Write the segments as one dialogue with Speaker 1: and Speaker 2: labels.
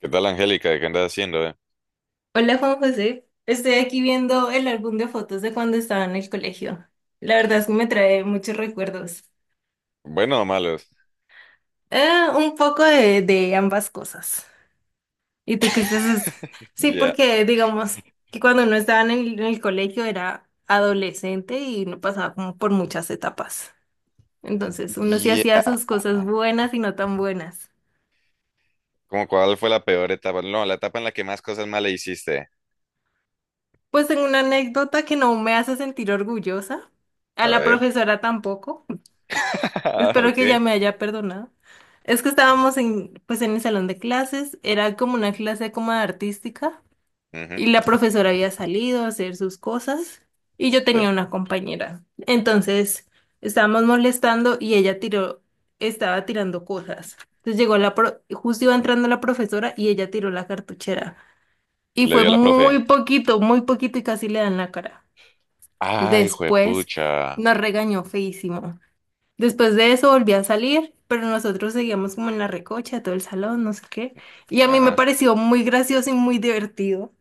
Speaker 1: ¿Qué tal, Angélica? ¿Qué andas haciendo? ¿Eh?
Speaker 2: Hola Juan José, estoy aquí viendo el álbum de fotos de cuando estaba en el colegio. La verdad es que me trae muchos recuerdos.
Speaker 1: ¿Bueno o malos?
Speaker 2: Eh, un poco de ambas cosas. ¿Y tú qué estás? Sí,
Speaker 1: Ya,
Speaker 2: porque digamos que cuando uno estaba en el colegio era adolescente y no pasaba como por muchas etapas. Entonces uno sí hacía
Speaker 1: ya.
Speaker 2: sus cosas buenas y no tan buenas.
Speaker 1: ¿Cómo cuál fue la peor etapa? No, la etapa en la que más cosas malas hiciste.
Speaker 2: Pues tengo una anécdota que no me hace sentir orgullosa, a
Speaker 1: A
Speaker 2: la
Speaker 1: ver.
Speaker 2: profesora tampoco.
Speaker 1: Ah,
Speaker 2: Espero que ya
Speaker 1: ok.
Speaker 2: me haya perdonado. Es que estábamos en, pues en el salón de clases, era como una clase como de artística,
Speaker 1: Ujú.
Speaker 2: y la profesora había salido a hacer sus cosas y yo
Speaker 1: Sí.
Speaker 2: tenía una compañera. Entonces estábamos molestando y ella tiró, estaba tirando cosas. Entonces llegó la justo iba entrando la profesora y ella tiró la cartuchera y
Speaker 1: Le
Speaker 2: fue
Speaker 1: dio a la profe.
Speaker 2: muy poquito y casi le dan la cara.
Speaker 1: Ay,
Speaker 2: Después
Speaker 1: juepucha.
Speaker 2: nos regañó feísimo. Después de eso volví a salir, pero nosotros seguíamos como en la recocha, todo el salón, no sé qué. Y a mí me
Speaker 1: Ajá.
Speaker 2: pareció muy gracioso y muy divertido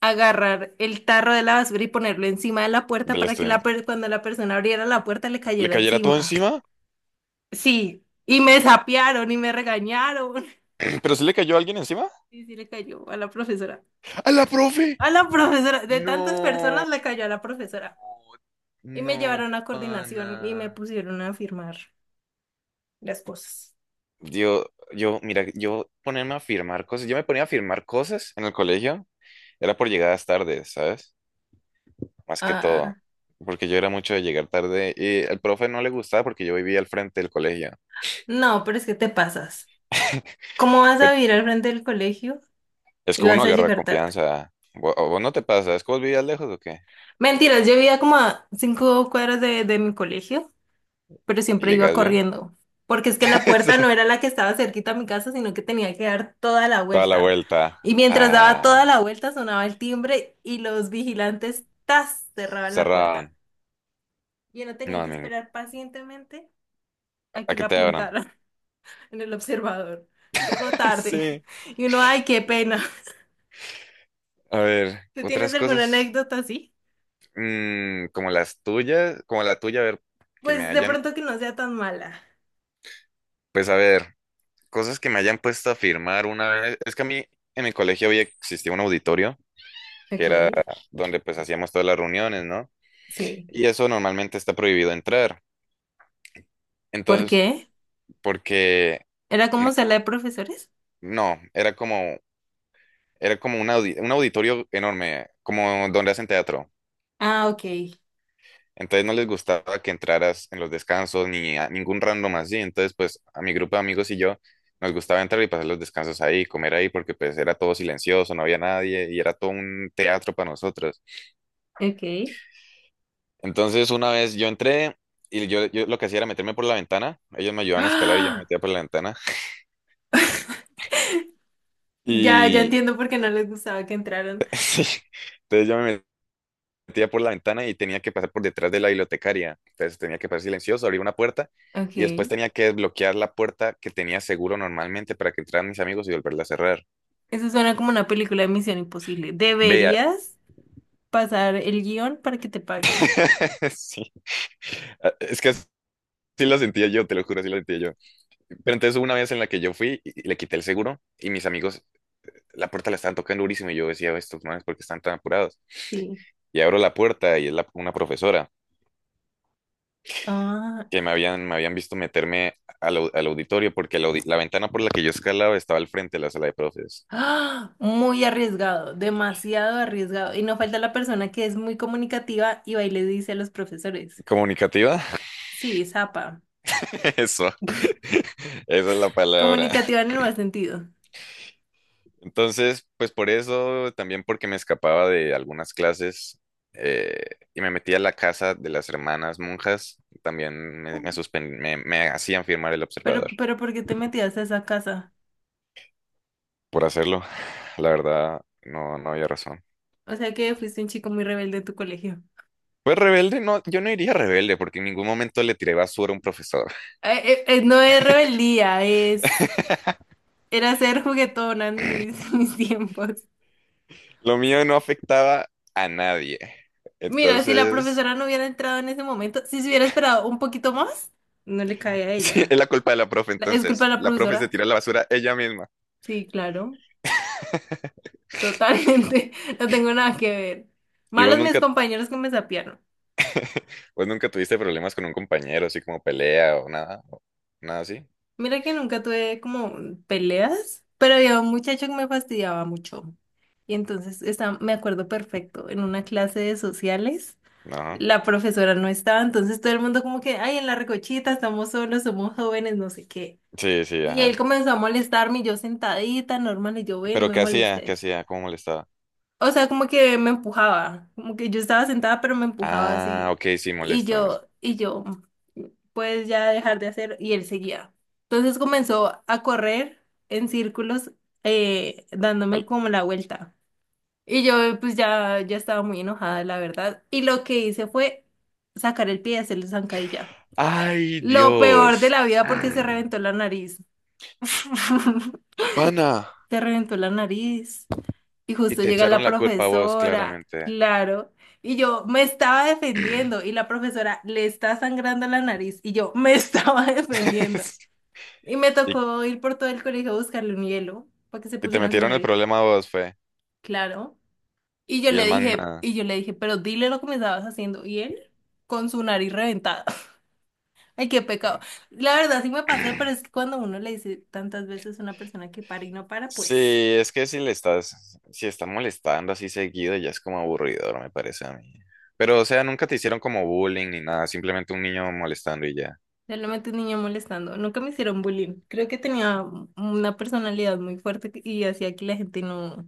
Speaker 2: agarrar el tarro de la basura y ponerlo encima de la puerta
Speaker 1: Del
Speaker 2: para que la
Speaker 1: estudiante.
Speaker 2: cuando la persona abriera la puerta le
Speaker 1: ¿Le
Speaker 2: cayera
Speaker 1: cayera todo
Speaker 2: encima.
Speaker 1: encima?
Speaker 2: Sí, y me sapearon y me regañaron.
Speaker 1: ¿Pero sí le cayó alguien encima?
Speaker 2: Y sí le cayó a la profesora.
Speaker 1: ¡A la profe!
Speaker 2: A la profesora, de tantas
Speaker 1: No.
Speaker 2: personas le cayó a la profesora. Y me
Speaker 1: No,
Speaker 2: llevaron a coordinación y me
Speaker 1: pana.
Speaker 2: pusieron a firmar las cosas.
Speaker 1: Yo, yo, mira, yo ponerme a firmar cosas, yo me ponía a firmar cosas en el colegio, era por llegadas tardes, ¿sabes? Más que todo,
Speaker 2: Ah,
Speaker 1: porque yo era mucho de llegar tarde y el profe no le gustaba porque yo vivía al frente del colegio.
Speaker 2: no, pero es que te pasas. ¿Cómo vas a
Speaker 1: Pero
Speaker 2: vivir al frente del colegio
Speaker 1: es
Speaker 2: y
Speaker 1: que uno
Speaker 2: vas a
Speaker 1: agarra
Speaker 2: llegar tarde?
Speaker 1: confianza. ¿Vo- ¿O ¿Vos, no te pasa? ¿Es que vos vivías lejos o qué?
Speaker 2: Mentiras, yo vivía como a 5 cuadras de mi colegio, pero
Speaker 1: ¿Y
Speaker 2: siempre iba
Speaker 1: llegas bien?
Speaker 2: corriendo, porque es que la puerta
Speaker 1: Sí.
Speaker 2: no era la que estaba cerquita a mi casa, sino que tenía que dar toda la
Speaker 1: Toda la
Speaker 2: vuelta.
Speaker 1: vuelta
Speaker 2: Y mientras daba toda
Speaker 1: a...
Speaker 2: la vuelta sonaba el timbre y los vigilantes ¡tas! Cerraban la
Speaker 1: cerraban.
Speaker 2: puerta. Yo no
Speaker 1: No,
Speaker 2: tenía que esperar pacientemente a
Speaker 1: a
Speaker 2: que
Speaker 1: que
Speaker 2: lo
Speaker 1: te abran.
Speaker 2: apuntaran en el observador. Llegó tarde
Speaker 1: Sí.
Speaker 2: y uno, ay, qué pena.
Speaker 1: A ver,
Speaker 2: ¿Tú tienes
Speaker 1: otras
Speaker 2: alguna
Speaker 1: cosas.
Speaker 2: anécdota así?
Speaker 1: Como las tuyas, como la tuya, a ver, que me
Speaker 2: Pues de
Speaker 1: hayan,
Speaker 2: pronto que no sea tan mala.
Speaker 1: pues a ver, cosas que me hayan puesto a firmar una vez. Es que a mí en el colegio había existía un auditorio que
Speaker 2: Ok.
Speaker 1: era donde pues hacíamos todas las reuniones, ¿no?
Speaker 2: Sí.
Speaker 1: Y eso normalmente está prohibido entrar.
Speaker 2: ¿Por
Speaker 1: Entonces,
Speaker 2: qué?
Speaker 1: porque
Speaker 2: ¿Era
Speaker 1: no,
Speaker 2: como sala de profesores?
Speaker 1: no, era como un auditorio enorme, como donde hacen teatro.
Speaker 2: Ah, ok.
Speaker 1: Entonces no les gustaba que entraras en los descansos ni a ningún random así. Entonces, pues a mi grupo de amigos y yo nos gustaba entrar y pasar los descansos ahí, comer ahí, porque pues era todo silencioso, no había nadie y era todo un teatro para nosotros.
Speaker 2: Ok.
Speaker 1: Entonces, una vez yo entré y yo lo que hacía era meterme por la ventana. Ellos me ayudaban a escalar y yo me
Speaker 2: ¡Ah!
Speaker 1: metía por la ventana.
Speaker 2: Ya
Speaker 1: Y
Speaker 2: entiendo por qué no les gustaba que entraran.
Speaker 1: sí, entonces yo me metía por la ventana y tenía que pasar por detrás de la bibliotecaria. Entonces tenía que pasar silencioso, abrir una puerta y después
Speaker 2: Ok.
Speaker 1: tenía que desbloquear la puerta que tenía seguro normalmente para que entraran mis amigos y volverla a cerrar.
Speaker 2: Eso suena como una película de Misión Imposible.
Speaker 1: Vea,
Speaker 2: Deberías pasar el guión para que te paguen.
Speaker 1: sí, ah, es que así lo sentía yo, te lo juro, así lo sentía yo. Pero entonces hubo una vez en la que yo fui y le quité el seguro y mis amigos la puerta la estaban tocando durísimo y yo decía, estos manes, ¿por qué están tan apurados?
Speaker 2: Sí.
Speaker 1: Y abro la puerta y una profesora.
Speaker 2: Ah,
Speaker 1: Que me habían visto meterme al auditorio porque la ventana por la que yo escalaba estaba al frente de la sala de profes.
Speaker 2: ¡Ah! Muy arriesgado, demasiado arriesgado. Y no falta la persona que es muy comunicativa y va y le dice a los profesores.
Speaker 1: ¿Comunicativa?
Speaker 2: Sí, zapa.
Speaker 1: Eso. Esa es la palabra.
Speaker 2: Comunicativa en el mal sentido.
Speaker 1: Entonces, pues por eso, también porque me escapaba de algunas clases eh, y me metía a la casa de las hermanas monjas, también me hacían firmar el
Speaker 2: Pero,
Speaker 1: observador
Speaker 2: pero ¿por qué te metías a esa casa?
Speaker 1: por hacerlo. La verdad, no, no había razón.
Speaker 2: O sea que fuiste un chico muy rebelde en tu colegio.
Speaker 1: Pues rebelde, no, yo no iría rebelde porque en ningún momento le tiré basura a un profesor.
Speaker 2: No es rebeldía, es... Era ser juguetona en mis, mis tiempos.
Speaker 1: Lo mío no afectaba a nadie.
Speaker 2: Mira, si la
Speaker 1: Entonces,
Speaker 2: profesora no hubiera entrado en ese momento, si se hubiera esperado un poquito más, no le cae a
Speaker 1: sí,
Speaker 2: ella.
Speaker 1: es la culpa de la profe.
Speaker 2: ¿Es culpa
Speaker 1: Entonces,
Speaker 2: de la
Speaker 1: la profe se
Speaker 2: profesora?
Speaker 1: tira a la basura ella misma.
Speaker 2: Sí, claro, totalmente. No tengo nada que ver.
Speaker 1: ¿Y vos
Speaker 2: Malos mis
Speaker 1: nunca,
Speaker 2: compañeros que me sapearon.
Speaker 1: vos nunca tuviste problemas con un compañero, así como pelea o nada? ¿O nada así?
Speaker 2: Mira que nunca tuve como peleas, pero había un muchacho que me fastidiaba mucho. Y entonces está, me acuerdo perfecto, en una clase de sociales,
Speaker 1: No.
Speaker 2: la profesora no estaba, entonces todo el mundo como que, ay, en la recochita, estamos solos, somos jóvenes, no sé qué.
Speaker 1: Sí, sí,
Speaker 2: Y él
Speaker 1: ajá.
Speaker 2: comenzó a molestarme, y yo sentadita, normal, y yo, bueno, no
Speaker 1: ¿Pero
Speaker 2: me
Speaker 1: qué hacía? ¿Qué
Speaker 2: molestes.
Speaker 1: hacía? ¿Cómo molestaba?
Speaker 2: O sea, como que me empujaba, como que yo estaba sentada, pero me empujaba
Speaker 1: Ah,
Speaker 2: así.
Speaker 1: ok, sí,
Speaker 2: Y
Speaker 1: molesto.
Speaker 2: yo, y yo, pues ya dejar de hacer, y él seguía. Entonces comenzó a correr en círculos, dándome
Speaker 1: Al-
Speaker 2: como la vuelta. Y yo, pues ya, ya estaba muy enojada, la verdad. Y lo que hice fue sacar el pie y hacerle zancadilla.
Speaker 1: Ay,
Speaker 2: Lo peor de
Speaker 1: Dios.
Speaker 2: la vida porque se
Speaker 1: Mm.
Speaker 2: reventó la nariz.
Speaker 1: Pana.
Speaker 2: Se reventó la nariz. Y
Speaker 1: Y
Speaker 2: justo
Speaker 1: te
Speaker 2: llega la
Speaker 1: echaron la culpa a vos,
Speaker 2: profesora,
Speaker 1: claramente.
Speaker 2: claro, y yo me estaba defendiendo y la profesora le está sangrando la nariz y yo me estaba defendiendo. Y me
Speaker 1: Y,
Speaker 2: tocó ir por todo el colegio a buscarle un hielo para que se
Speaker 1: y te
Speaker 2: pusiera en su
Speaker 1: metieron el
Speaker 2: nariz,
Speaker 1: problema a vos, fue.
Speaker 2: claro. Y yo
Speaker 1: Y
Speaker 2: le
Speaker 1: el man
Speaker 2: dije,
Speaker 1: nada.
Speaker 2: y yo le dije, pero dile lo que me estabas haciendo. Y él con su nariz reventada. Ay, qué pecado. La verdad sí me pasé, pero es que cuando uno le dice tantas veces a una persona que para y no para, pues...
Speaker 1: Sí, es que si está molestando así seguido, ya es como aburridor, me parece a mí. Pero, o sea, nunca te hicieron como bullying ni nada, simplemente un niño molestando y ya.
Speaker 2: Realmente un niño molestando. Nunca me hicieron bullying. Creo que tenía una personalidad muy fuerte y hacía que la gente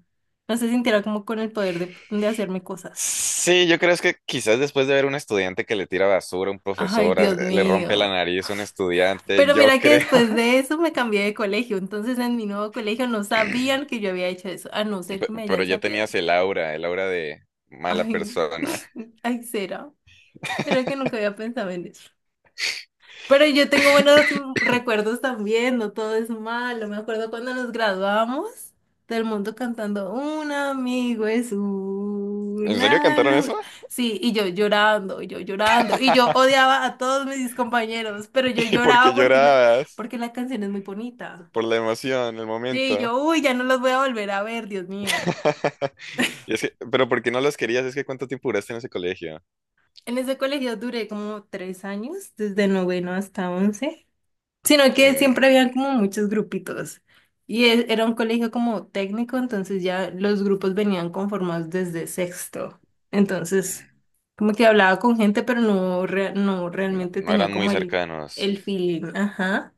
Speaker 2: no se sintiera como con el poder de hacerme cosas.
Speaker 1: Sí, yo creo es que quizás después de ver un estudiante que le tira basura a un
Speaker 2: Ay,
Speaker 1: profesor,
Speaker 2: Dios
Speaker 1: le rompe la
Speaker 2: mío.
Speaker 1: nariz a un estudiante,
Speaker 2: Pero
Speaker 1: yo
Speaker 2: mira que
Speaker 1: creo.
Speaker 2: después de eso me cambié de colegio. Entonces en mi nuevo colegio no sabían que yo había hecho eso, a no ser
Speaker 1: Pe-
Speaker 2: que me
Speaker 1: Pero
Speaker 2: hayan
Speaker 1: ya
Speaker 2: sapeado.
Speaker 1: tenías el aura de mala
Speaker 2: Ay,
Speaker 1: persona.
Speaker 2: ay, será. Pero que nunca había pensado en eso. Pero yo tengo buenos recuerdos también, no todo es malo. Me acuerdo cuando nos graduamos del mundo cantando Un amigo es
Speaker 1: ¿En serio
Speaker 2: una
Speaker 1: cantaron
Speaker 2: luz.
Speaker 1: eso?
Speaker 2: Sí, y yo llorando, y yo odiaba a todos mis compañeros, pero yo
Speaker 1: ¿Y por qué
Speaker 2: lloraba
Speaker 1: llorabas?
Speaker 2: porque la canción es muy bonita.
Speaker 1: Por la emoción, el
Speaker 2: Sí, y
Speaker 1: momento.
Speaker 2: yo, uy, ya no los voy a volver a ver, Dios mío.
Speaker 1: Y es que, pero ¿por qué no los querías? Es que ¿cuánto tiempo duraste en ese colegio?
Speaker 2: En ese colegio duré como 3 años, desde noveno hasta once. Sino
Speaker 1: Y
Speaker 2: que siempre habían como muchos grupitos. Era un colegio como técnico, entonces ya los grupos venían conformados desde sexto. Entonces, como que hablaba con gente, pero no
Speaker 1: no,
Speaker 2: realmente
Speaker 1: no
Speaker 2: tenía
Speaker 1: eran muy
Speaker 2: como el
Speaker 1: cercanos.
Speaker 2: feeling. Ajá.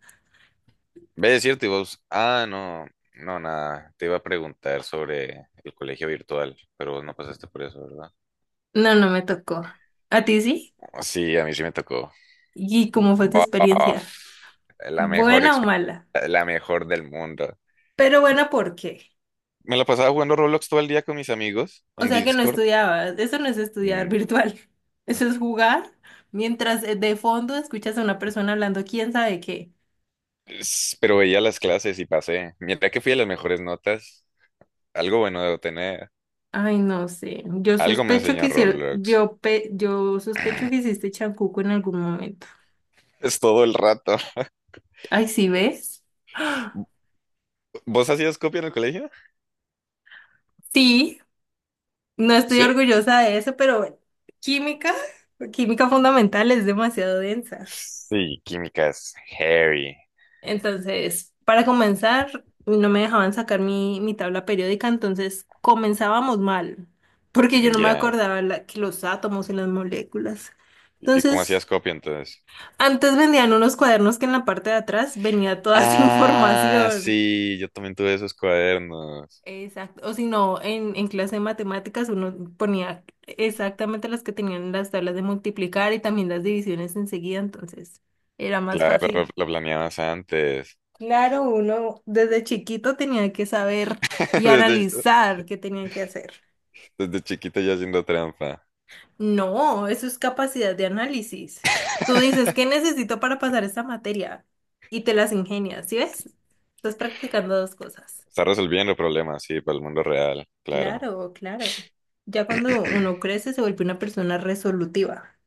Speaker 1: Ve, es cierto, y vos, ah, no, no, nada, te iba a preguntar sobre el colegio virtual, pero vos no pasaste por eso, ¿verdad?
Speaker 2: No, no me tocó. ¿A ti sí?
Speaker 1: Sí, a mí sí me tocó.
Speaker 2: ¿Y cómo fue tu
Speaker 1: Baf,
Speaker 2: experiencia?
Speaker 1: la mejor,
Speaker 2: ¿Buena o
Speaker 1: exp-
Speaker 2: mala?
Speaker 1: la mejor del mundo.
Speaker 2: Pero buena, ¿por qué?
Speaker 1: Me la pasaba jugando Roblox todo el día con mis amigos
Speaker 2: O
Speaker 1: en
Speaker 2: sea que no
Speaker 1: Discord,
Speaker 2: estudiabas, eso no es estudiar
Speaker 1: mm,
Speaker 2: virtual, eso es jugar mientras de fondo escuchas a una persona hablando quién sabe qué.
Speaker 1: pero veía las clases y pasé. Mientras que fui a las mejores notas, algo bueno debo tener.
Speaker 2: Ay, no sé,
Speaker 1: Algo me enseñó Roblox.
Speaker 2: yo sospecho que hiciste chancuco en algún momento.
Speaker 1: Es todo el rato.
Speaker 2: Ay, ¿sí ves?
Speaker 1: ¿Vos hacías copia en el colegio?
Speaker 2: Sí, no estoy
Speaker 1: ¿Sí?
Speaker 2: orgullosa de eso, pero bueno, química, química fundamental es demasiado densa.
Speaker 1: Sí, química es heavy.
Speaker 2: Entonces, para comenzar, no me dejaban sacar mi tabla periódica, entonces comenzábamos mal, porque yo no me
Speaker 1: Ya.
Speaker 2: acordaba que los átomos y las moléculas.
Speaker 1: ¿Y cómo
Speaker 2: Entonces,
Speaker 1: hacías copia entonces?
Speaker 2: antes vendían unos cuadernos que en la parte de atrás venía toda esa
Speaker 1: Ah,
Speaker 2: información.
Speaker 1: sí, yo también tuve esos cuadernos.
Speaker 2: Exacto. O si no, en clase de matemáticas uno ponía exactamente las que tenían las tablas de multiplicar y también las divisiones enseguida, entonces era más
Speaker 1: Claro, lo,
Speaker 2: fácil.
Speaker 1: lo planeabas antes.
Speaker 2: Claro, uno desde chiquito tenía que saber y
Speaker 1: Desde,
Speaker 2: analizar qué tenía que hacer.
Speaker 1: desde chiquito ya haciendo trampa.
Speaker 2: No, eso es capacidad de análisis. Tú dices, ¿qué necesito para pasar esta materia? Y te las ingenias, ¿sí ves? Estás practicando dos cosas.
Speaker 1: Está resolviendo problemas, sí, para el mundo real, claro.
Speaker 2: Claro. Ya cuando uno crece se vuelve una persona resolutiva.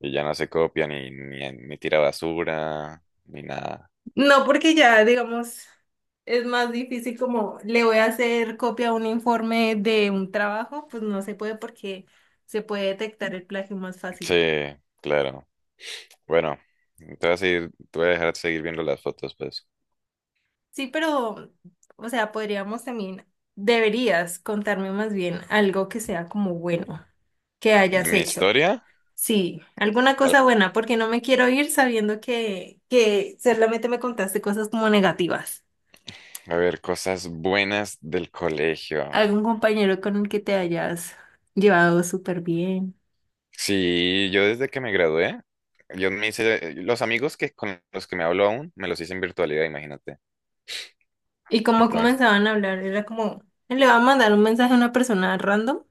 Speaker 1: Y ya no se copia ni tira basura, ni nada.
Speaker 2: No, porque ya, digamos, es más difícil como le voy a hacer copia a un informe de un trabajo, pues no se puede porque se puede detectar el plagio más
Speaker 1: Sí,
Speaker 2: fácil.
Speaker 1: claro. Bueno, te voy a dejar seguir viendo las fotos, pues.
Speaker 2: Sí, pero, o sea, podríamos también, deberías contarme más bien algo que sea como bueno, que
Speaker 1: ¿De
Speaker 2: hayas
Speaker 1: mi
Speaker 2: hecho.
Speaker 1: historia?
Speaker 2: Sí, alguna
Speaker 1: A
Speaker 2: cosa buena, porque no me quiero ir sabiendo que solamente me contaste cosas como negativas.
Speaker 1: a ver, cosas buenas del colegio.
Speaker 2: ¿Algún compañero con el que te hayas llevado súper bien?
Speaker 1: Sí, yo desde que me gradué, yo me hice, los amigos que con los que me hablo aún, me los hice en virtualidad, imagínate.
Speaker 2: Y como
Speaker 1: Entonces,
Speaker 2: comenzaban a hablar, era como, él le va a mandar un mensaje a una persona random.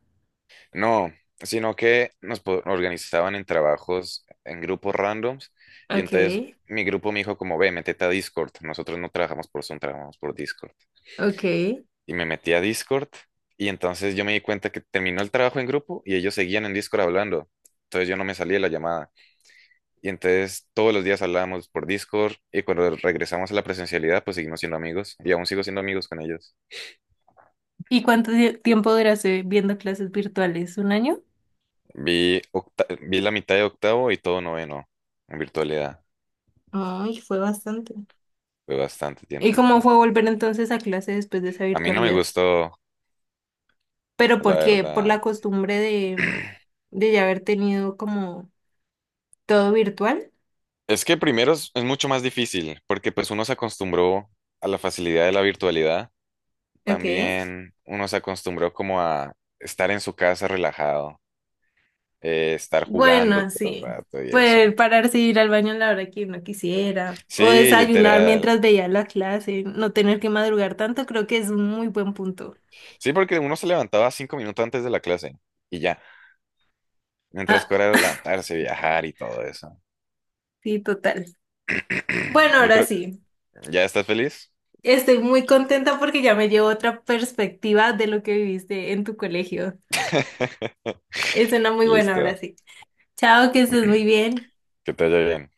Speaker 1: no, sino que nos organizaban en trabajos en grupos randoms y entonces
Speaker 2: Okay,
Speaker 1: mi grupo me dijo como, ve, métete a Discord. Nosotros no trabajamos por Zoom, trabajamos por Discord.
Speaker 2: okay,
Speaker 1: Y me metí a Discord y entonces yo me di cuenta que terminó el trabajo en grupo y ellos seguían en Discord hablando. Entonces yo no me salí de la llamada. Y entonces todos los días hablábamos por Discord y cuando regresamos a la presencialidad pues seguimos siendo amigos y aún sigo siendo amigos con ellos.
Speaker 2: ¿y cuánto tiempo duraste viendo clases virtuales? ¿Un año?
Speaker 1: Vi la mitad de octavo y todo noveno en virtualidad.
Speaker 2: Ay, fue bastante.
Speaker 1: Fue bastante
Speaker 2: ¿Y
Speaker 1: tiempito.
Speaker 2: cómo fue volver entonces a clase después de esa
Speaker 1: A mí no me
Speaker 2: virtualidad?
Speaker 1: gustó,
Speaker 2: ¿Pero
Speaker 1: la
Speaker 2: por qué? ¿Por la
Speaker 1: verdad.
Speaker 2: costumbre de ya haber tenido como todo virtual?
Speaker 1: Es que primero es mucho más difícil porque pues uno se acostumbró a la facilidad de la virtualidad.
Speaker 2: Ok.
Speaker 1: También uno se acostumbró como a estar en su casa relajado, estar jugando
Speaker 2: Bueno,
Speaker 1: todo el
Speaker 2: sí.
Speaker 1: rato y eso.
Speaker 2: Pues pararse y ir al baño a la hora que uno quisiera. O
Speaker 1: Sí,
Speaker 2: desayunar
Speaker 1: literal.
Speaker 2: mientras veía la clase. No tener que madrugar tanto, creo que es un muy buen punto.
Speaker 1: Sí, porque uno se levantaba 5 minutos antes de la clase y ya. Mientras
Speaker 2: Ah,
Speaker 1: que ahora era levantarse, viajar y todo eso.
Speaker 2: sí, total. Bueno,
Speaker 1: Yo
Speaker 2: ahora
Speaker 1: creo,
Speaker 2: sí.
Speaker 1: ¿ya estás feliz?
Speaker 2: Estoy muy contenta porque ya me llevo otra perspectiva de lo que viviste en tu colegio. Es una muy buena, ahora
Speaker 1: Listo.
Speaker 2: sí. Chao, que estés muy bien.
Speaker 1: Que te vaya bien.